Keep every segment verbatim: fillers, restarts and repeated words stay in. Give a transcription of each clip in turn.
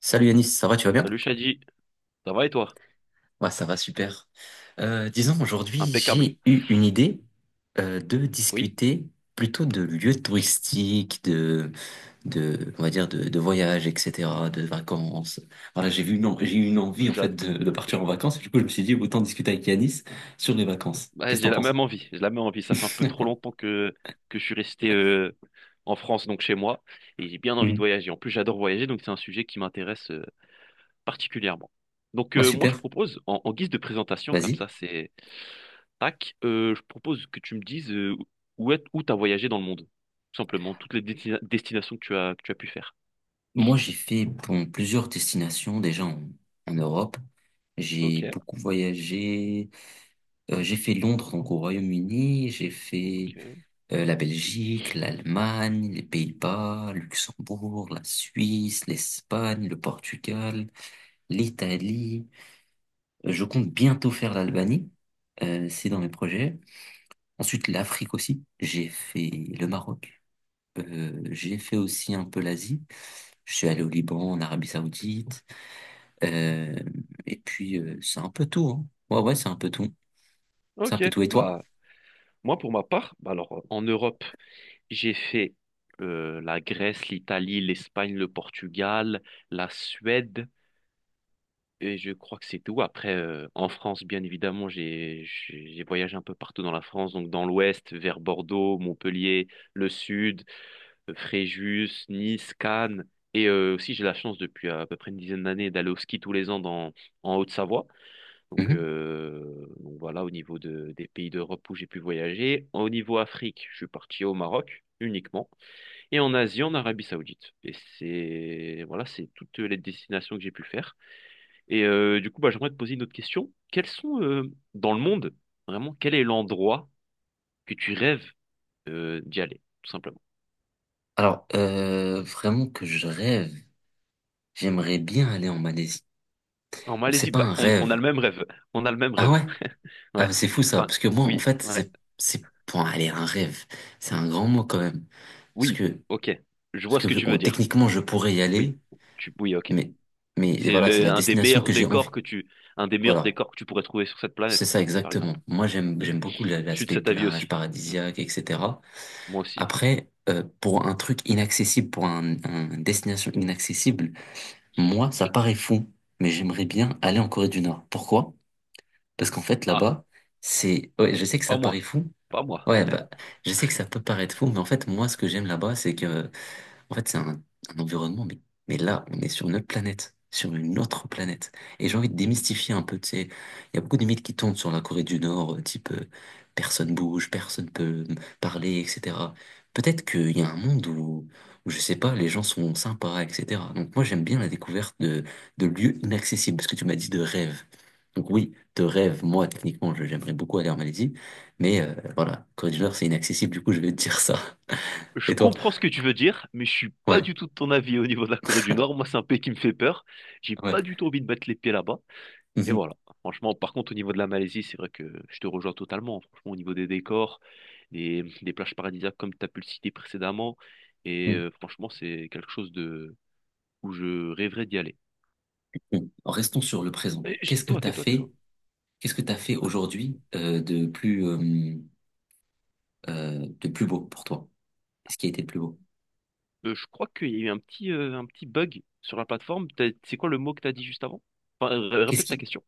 Salut Yanis, ça va, tu vas bien? Salut Shadi, ça va et toi? Ouais, ça va super. Euh, disons, aujourd'hui, Impeccable. j'ai eu une idée euh, de Oui, discuter plutôt de lieux touristiques, de, de, on va dire, de, de voyages, et cetera, de vacances. Voilà, j'ai vu, non, j'ai eu une envie, en fait, j'ad- de, de j- partir en vacances. Du coup, je me suis dit, autant discuter avec Yanis sur les vacances. ouais, Qu'est-ce que j'ai t'en la penses? même envie. J'ai la même envie. Ça fait un peu trop longtemps que, que je suis resté euh, en France, donc chez moi, et j'ai bien envie de Mhm. voyager. En plus, j'adore voyager, donc c'est un sujet qui m'intéresse euh, particulièrement. Donc Ouais, euh, moi, je super, propose, en, en guise de présentation, comme vas-y. ça, c'est tac, euh, je propose que tu me dises euh, où est, où t'as voyagé dans le monde, tout simplement, toutes les destina- destinations que tu as, que tu as pu faire. Moi, j'ai fait bon, plusieurs destinations déjà en, en Europe. J'ai Ok, beaucoup voyagé. Euh, j'ai fait Londres, donc au Royaume-Uni, j'ai fait ok, euh, la Belgique, l'Allemagne, les Pays-Bas, Luxembourg, la Suisse, l'Espagne, le Portugal, l'Italie. Euh, je compte bientôt faire l'Albanie. Euh, c'est dans mes projets. Ensuite, l'Afrique aussi, j'ai fait le Maroc. Euh, j'ai fait aussi un peu l'Asie. Je suis allé au Liban, en Arabie Saoudite. Euh, et puis euh, c'est un peu tout, hein. Ouais, ouais, c'est un peu tout. C'est un ok. peu tout. Et toi? Bah, moi, pour ma part, bah alors, en Europe. J'ai fait euh, la Grèce, l'Italie, l'Espagne, le Portugal, la Suède, et je crois que c'est tout. Après, euh, en France, bien évidemment, j'ai j'ai j'ai voyagé un peu partout dans la France, donc dans l'ouest, vers Bordeaux, Montpellier, le sud, euh, Fréjus, Nice, Cannes. Et euh, aussi, j'ai la chance depuis à peu près une dizaine d'années d'aller au ski tous les ans dans, en Haute-Savoie. Donc, Mhm. euh, donc voilà, au niveau de, des pays d'Europe où j'ai pu voyager. Au niveau Afrique, je suis parti au Maroc uniquement et en Asie, en Arabie Saoudite. Et c'est voilà, c'est toutes les destinations que j'ai pu faire. Et euh, du coup, bah, j'aimerais te poser une autre question. Quels sont euh, dans le monde, vraiment, quel est l'endroit que tu rêves euh, d'y aller, tout simplement? Alors, euh, vraiment que je rêve. J'aimerais bien aller en Malaisie. En Bon, c'est Malaisie, pas bah, un on, on rêve. a le même rêve. On a le même Ah ouais? rêve. Ah, bah, Ouais. c'est fou ça. Enfin, Parce que moi, en oui, fait, ouais. c'est, c'est, bon, allez, un rêve. C'est un grand mot quand même. Parce Oui, que, ok. Je Parce vois que ce que tu bon, veux dire. techniquement, je pourrais y Oui, aller, tu, oui, ok. mais, mais C'est voilà, c'est le- la un des destination meilleurs que j'ai décors envie. que tu, un des meilleurs Voilà. décors que tu pourrais trouver sur cette C'est planète, ça par exemple. exactement. Moi, j'aime, Hmm. j'aime Je beaucoup la- suis de l'aspect cet avis plage, aussi. Hmm. paradisiaque, et cetera. Moi aussi. Après, euh, pour un truc inaccessible, pour un, un une destination inaccessible. Moi, ça paraît fou, mais j'aimerais bien aller en Corée du Nord. Pourquoi? Parce qu'en fait, Ah, là-bas. c'est... Ouais, je sais que ça pas paraît moi. fou. Pas moi. Ouais, bah, je sais que ça peut paraître fou, mais en fait, moi, ce que j'aime là-bas, c'est que en fait, c'est un, un environnement, mais, mais là, on est sur une autre planète, sur une autre planète. Et j'ai envie de démystifier un peu, tu sais, il y a beaucoup de mythes qui tournent sur la Corée du Nord, euh, type euh, personne bouge, personne peut me parler, et cetera. Peut-être qu'il y a un monde où, où, je sais pas, les gens sont sympas, et cetera. Donc moi, j'aime bien la découverte de, de lieux inaccessibles, parce que tu m'as dit de rêve. Donc oui, de rêve, moi, techniquement, je- j'aimerais beaucoup aller en Malaisie, mais euh, voilà, Corée du Nord, c'est inaccessible, du coup, je vais te dire ça. Je Et toi? comprends ce que tu veux dire, mais je suis pas Ouais, du tout de ton avis au niveau de la Corée du Nord. Moi, c'est un pays qui me fait peur. J'ai ouais. pas du tout envie de mettre les pieds là-bas. Et voilà. Franchement, par contre, au niveau de la Malaisie, c'est vrai que je te rejoins totalement. Franchement, au niveau des décors, des, des plages paradisiaques, comme tu as pu le citer précédemment. Et Hmm. euh, franchement, c'est quelque chose de où je rêverais d'y aller. Bon, restons sur le présent. Eh, je- Qu'est-ce que Tais-toi, t'as tais-toi, tais-toi. fait? Qu'est-ce que t'as fait aujourd'hui euh, de plus euh, euh, de plus beau pour toi? Qu'est-ce qui a été le plus beau? Euh, je crois qu'il y a eu un petit, euh, un petit bug sur la plateforme. T'as- C'est quoi le mot que tu as dit juste avant? Enfin, euh, Qu'est-ce répète ta qui question.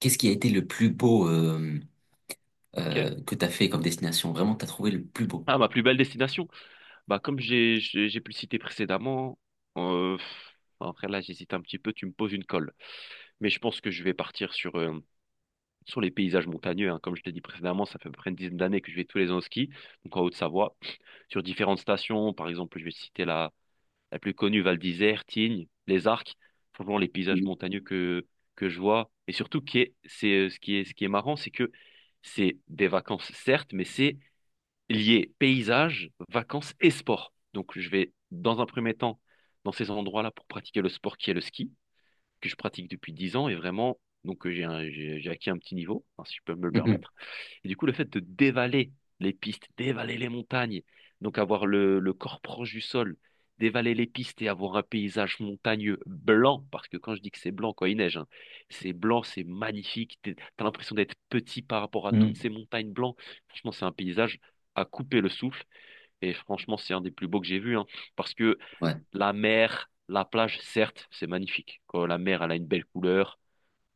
qu'est-ce qui a été le plus beau euh, Ok. euh, que t'as fait comme destination? Vraiment, t'as trouvé le plus beau? Ah, ma plus belle destination. Bah, comme j'ai j'ai j'ai pu le citer précédemment, euh, pff, après là, j'hésite un petit peu, tu me poses une colle. Mais je pense que je vais partir sur, euh, sur les paysages montagneux, hein. Comme je t'ai dit précédemment, ça fait à peu près une dizaine d'années que je vais tous les ans au ski, donc en Haute-Savoie, sur différentes stations. Par exemple, je vais citer la, la plus connue, Val d'Isère, Tignes, les Arcs, franchement les paysages Mhm. montagneux que, que je vois. Et surtout, qui est, c'est, euh, ce qui est, ce qui est marrant, c'est que c'est des vacances, certes, mais c'est lié paysage, vacances et sport. Donc je vais, dans un premier temps, dans ces endroits-là pour pratiquer le sport qui est le ski que je pratique depuis dix ans et vraiment, donc euh, j'ai un- j'ai j'ai acquis un petit niveau, hein, si je peux me le Mhm. permettre. Et du coup, le fait de dévaler les pistes, dévaler les montagnes, donc avoir le, le corps proche du sol, dévaler les pistes et avoir un paysage montagneux blanc, parce que quand je dis que c'est blanc quand il neige, hein, c'est blanc, c'est magnifique, t'es- t'as l'impression d'être petit par rapport à toutes Mhm. ces montagnes blancs. Franchement, c'est un paysage à couper le souffle et franchement, c'est un des plus beaux que j'ai vu, hein, parce que Ouais, la mer, la plage, certes, c'est magnifique. Quand la mer, elle a une belle couleur,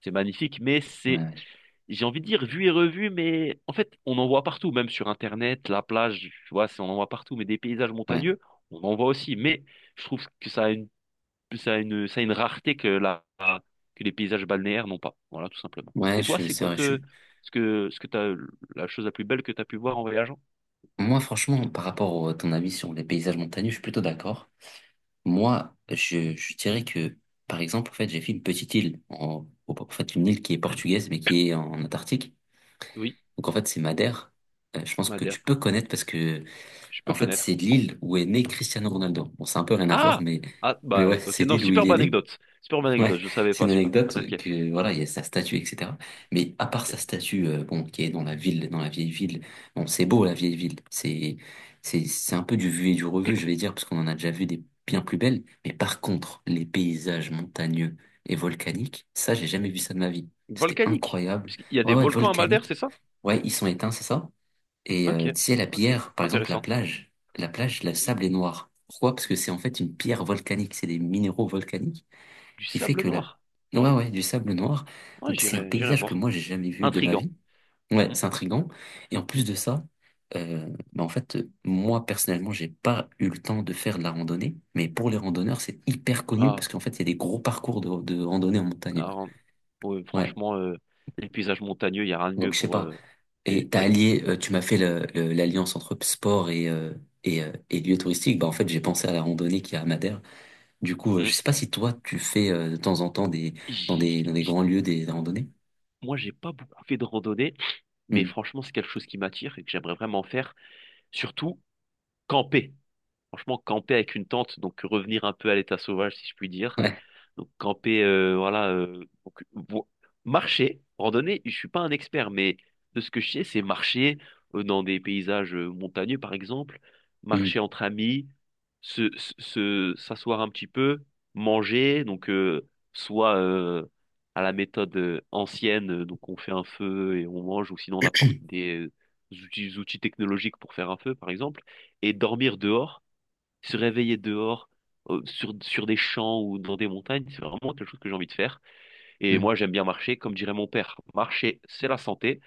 c'est magnifique, mais ouais, c'est, ouais, je- j'ai envie de dire, vu et revu, mais en fait, on en voit partout, même sur Internet, la plage, tu vois, c'est- on en voit partout, mais des paysages ouais, montagneux, on en voit aussi. Mais je trouve que ça a une, ça a une, ça a une rareté que la, que les paysages balnéaires n'ont pas. Voilà, tout simplement. ouais. Et toi, je- c'est c'est quoi vrai. Je te, suis. ce que, ce que t'as, la chose la plus belle que tu as pu voir en voyageant? Moi, franchement, par rapport à ton avis sur les paysages montagneux, je suis plutôt d'accord. Moi, je, je dirais que, par exemple, en fait, j'ai fait une petite île, en, au- en fait, une île qui est portugaise mais qui est en Antarctique. Oui, Donc en fait, c'est Madère. Euh, je pense que tu Madère, peux connaître parce que je peux en fait, connaître. c'est l'île où est né Cristiano Ronaldo. Bon, c'est un peu rien à voir, Ah! mais Ah, mais bah, ouais, ok. c'est Non, l'île où il superbe est né. anecdote. Superbe Ouais, anecdote, je savais c'est pas une celui-là. anecdote Ok, que voilà, il y a sa statue, et cetera. Mais à part sa ok. statue, euh, bon, qui est dans la ville, dans la vieille ville, bon, c'est beau la vieille ville. C'est, c'est, c'est un peu du vu et du revu, je vais dire, parce qu'on en a déjà vu des bien plus belles. Mais par contre, les paysages montagneux et volcaniques, ça, j'ai jamais vu ça de ma vie. C'était Volcanique. incroyable. Puisqu'il y a Ouais, des ouais, volcans à Madère, volcanique. c'est ça? Ouais, ils sont éteints, c'est ça. Et euh, Ok, tu sais, la ok. pierre, par exemple, la Intéressant. plage, la plage, le Oui. sable est noir. Pourquoi? Parce que c'est en fait une pierre volcanique, c'est des minéraux volcaniques. Du Qui fait sable que la... noir. Ouais, ouais, du sable noir. Ouais, Donc c'est un j'irai, j'irai paysage que voir. moi j'ai jamais vu de ma Intriguant. vie. Ouais, Hmm, c'est intriguant. Et en plus hmm. de ça, euh, bah en fait, euh, moi personnellement, j'ai pas eu le temps de faire de la randonnée, mais pour les randonneurs, c'est hyper connu Ah, parce qu'en fait, il y a des gros parcours de, de randonnée en montagne. ah, en- ouais, Ouais. franchement, euh, les paysages montagneux, il y a rien de Donc mieux je sais pour. pas. euh, Et c'est- t'as ouais. allié, euh, tu m'as fait le- le- l'alliance entre sport et, euh, et, euh, et lieu touristique. Bah en fait, j'ai pensé à la randonnée qui est à Madère. Du coup, euh, je Hmm. sais pas si toi tu fais euh, de temps en temps des dans j'ai- des dans des j'ai- grands lieux des, des randonnées. Moi, j'ai pas beaucoup fait de randonnée, mais franchement, c'est quelque chose qui m'attire et que j'aimerais vraiment faire. Surtout, camper. Franchement, camper avec une tente, donc revenir un peu à l'état sauvage, si je puis dire. Ouais. Donc camper, euh, voilà, euh, donc, vo- marcher, randonnée, je suis pas un expert, mais de ce que je sais, c'est marcher euh, dans des paysages euh, montagneux, par exemple, Mm, marcher entre amis, se, se, se- s'asseoir un petit peu, manger, donc euh, soit euh, à la méthode euh, ancienne, euh, donc on fait un feu et on mange, ou sinon on apporte des euh, outils outils technologiques pour faire un feu, par exemple, et dormir dehors se réveiller dehors, euh, sur, sur des champs ou dans des montagnes, c'est vraiment quelque chose que j'ai envie de faire. Et mm. moi, j'aime bien marcher, comme dirait mon père, marcher, c'est la santé.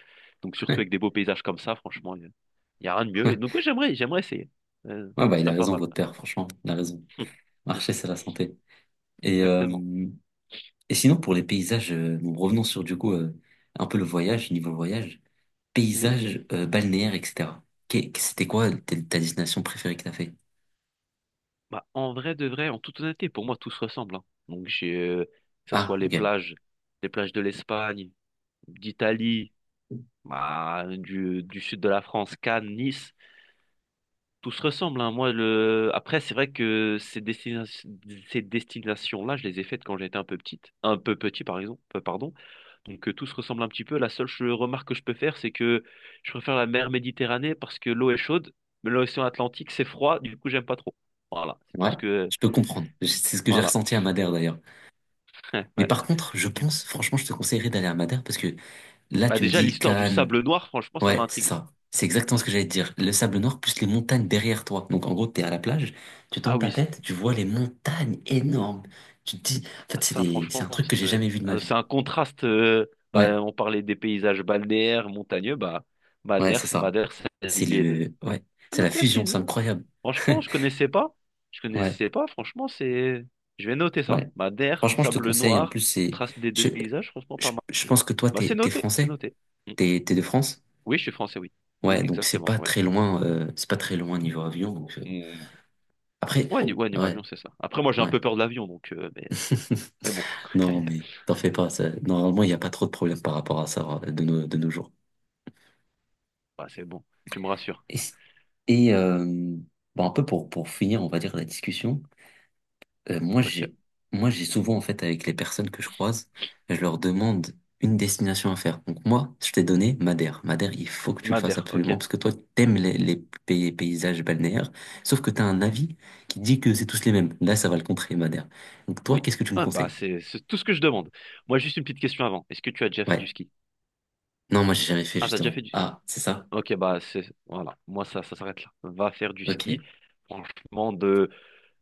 Donc, surtout avec des beaux paysages comme ça, franchement, il n'y a rien de mieux. Et Ouais. donc, oui, j'aimerais, j'aimerais essayer. Euh, Ouais, ça bah, il serait a pas raison, mal. votre père, franchement. Il a raison. Marcher, c'est la santé. Et, Exactement. euh, et sinon, pour les paysages, euh, bon, revenons sur du coup euh, un peu le voyage, niveau voyage, Mhm. paysages euh, balnéaires, et cetera. Qu'est- C'était quoi ta ta destination préférée que t'as fait? Bah, en vrai de vrai, en toute honnêteté, pour moi, tout se ressemble, hein. Donc, j'ai, euh, que ce Ah, soit les ok. plages, les plages de l'Espagne, d'Italie, bah, du, du sud de la France, Cannes, Nice. Tout se ressemble, hein. Moi, le. Après, c'est vrai que ces destina- ces destinations-là, je les ai faites quand j'étais un peu petite, un peu petit, par exemple, euh, pardon. Donc, euh, tout se ressemble un petit peu. La seule ch- remarque que je peux faire, c'est que je préfère la mer Méditerranée parce que l'eau est chaude, mais l'océan Atlantique, c'est froid, du coup, j'aime pas trop. Voilà, c'est tout Ouais, ce que. je peux comprendre. Je- C'est ce que j'ai Voilà. ressenti à Madère d'ailleurs. Mais Ouais. par contre, je Du coup. pense, franchement, je te conseillerais d'aller à Madère parce que là, Bah, tu me déjà, dis l'histoire du Cannes, sable noir, franchement, ça m'a ouais, c'est intrigué. ça. C'est exactement Mm. ce que j'allais te dire. Le sable noir plus les montagnes derrière toi. Donc en gros, t'es à la plage, tu Ah tends ta oui, tête, tu vois les montagnes énormes. Tu te dis, en fait, c'est ça, des... c'est franchement, un truc que j'ai c'est jamais vu de ma euh, c'est vie. un contraste. euh, Ouais, Bah, on parlait des paysages balnéaires, montagneux. Bah, ouais, c'est Madère, c'est ça. Madère, c'est C'est l'île et deux. le, ouais, Ah, c'est la donc, ouais, c'est- fusion, c'est incroyable. franchement, je connaissais pas. Je Ouais, connaissais pas. Franchement, c'est. Je vais noter ça. ouais. Madère, Franchement, je te sable conseille. En noir, plus, c'est, contraste des deux je, paysages. Franchement, je, pas mal. je pense que toi, Bah, c'est t'es, t'es noté. C'est français, noté. Mm. t'es, t'es de France. Oui, je suis français, oui. Oui, Ouais, donc c'est exactement. pas Ouais. très loin, euh, c'est pas très loin niveau avion. donc, euh, Mm. Après, Ouais, ni- ouais, niveau ouais, avion, c'est ça. Après, moi, j'ai un ouais. peu peur de l'avion, donc. euh, mais, mais bon. Non, mais t'en fais pas. ça- Normalement, il n'y a pas trop de problèmes par rapport à ça euh, de nos, de nos jours. Bah, c'est bon. Tu me rassures. Et, c- et, euh, bon, un peu pour, pour finir, on va dire, la discussion, euh, moi, Ok. j'ai, moi, j'ai souvent, en fait, avec les personnes que je croise, je leur demande une destination à faire. Donc, moi, je t'ai donné Madère. Madère, il faut que tu le fasses Madère, absolument ok. parce que toi, t'aimes les, les pay- paysages balnéaires, sauf que t'as un avis qui dit que c'est tous les mêmes. Là, ça va le contrer, Madère. Donc, toi, Oui. qu'est-ce que tu me Ah, bah, conseilles? c'est c'est tout ce que je demande. Moi, juste une petite question avant. Est-ce que tu as déjà fait Ouais. du ski? Non, moi, j'ai jamais fait, Ah, t'as déjà justement. fait du. Ah, c'est ça? Ok, bah, c'est. Voilà. Moi, ça, ça s'arrête là. Va faire du ski. Ok. Franchement, de.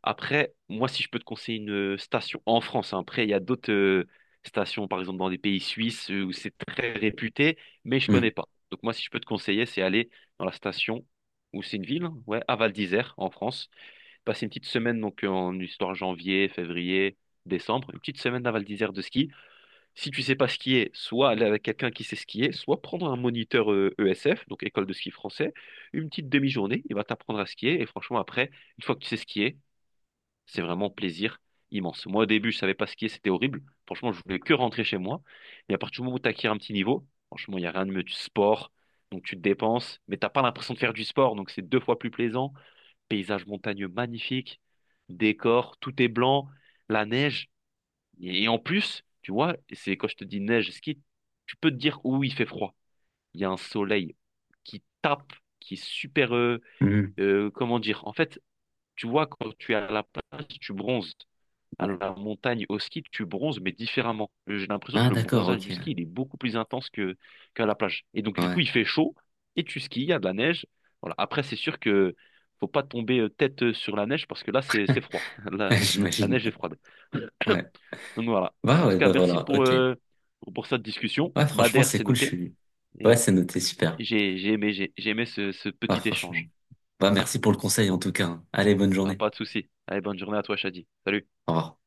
Après, moi, si je peux te conseiller une euh, station en France, hein, après, il y a d'autres euh, stations, par exemple, dans les pays suisses euh, où c'est très réputé, mais je connais Hmm. pas. Donc, moi, si je peux te conseiller, c'est aller dans la station où c'est une ville, hein, ouais, à Val d'Isère, en France. Passer une petite semaine, donc, en histoire janvier, février, décembre, une petite semaine à Val d'Isère de ski. Si tu sais pas skier, soit aller avec quelqu'un qui sait skier, soit prendre un moniteur euh, E S F, donc école de ski français, une petite demi-journée, il va t'apprendre à skier. Et franchement, après, une fois que tu sais skier, c'est vraiment plaisir immense. Moi, au début, je savais pas skier, c'était horrible. Franchement, je voulais que rentrer chez moi. Et à partir du moment où tu acquiers un petit niveau, franchement, il n'y a rien de mieux du sport. Donc tu te dépenses, mais t'as pas l'impression de faire du sport, donc c'est deux fois plus plaisant. Paysage montagneux magnifique, décor, tout est blanc, la neige. Et, et en plus, tu vois, c'est quand je te dis neige, ski, tu peux te dire où il fait froid. Il y a un soleil qui tape, qui est super, euh, Hmm, euh, comment dire? En fait, tu vois, quand tu es à la plage, tu bronzes. À ouais. la montagne, au ski, tu bronzes, mais différemment. Euh, J'ai l'impression que Ah, le d'accord, bronzage ok. du ski, il est beaucoup plus intense que qu'à la plage. Et donc, du coup, Ouais, il fait chaud et tu skis, il y a de la neige. Voilà. Après, c'est sûr que faut pas tomber euh, tête euh, sur la neige parce que là, c'est c'est froid. La, la j'imagine. neige est froide. Ouais. Donc voilà. Bah En tout ouais, cas, bah merci voilà, pour, ok. euh, pour, pour cette discussion. Ouais, franchement, Madère, c'est c'est cool, je noté. suis. Et Ouais, euh, c'est noté, super. j'ai j'ai aimé, j'ai j'ai aimé ce, ce Ouais, petit franchement. échange. Bah, merci pour le conseil, en tout cas, hein. Allez, bonne Ah, journée. pas de souci. Allez, bonne journée à toi, Shadi. Salut. Au revoir.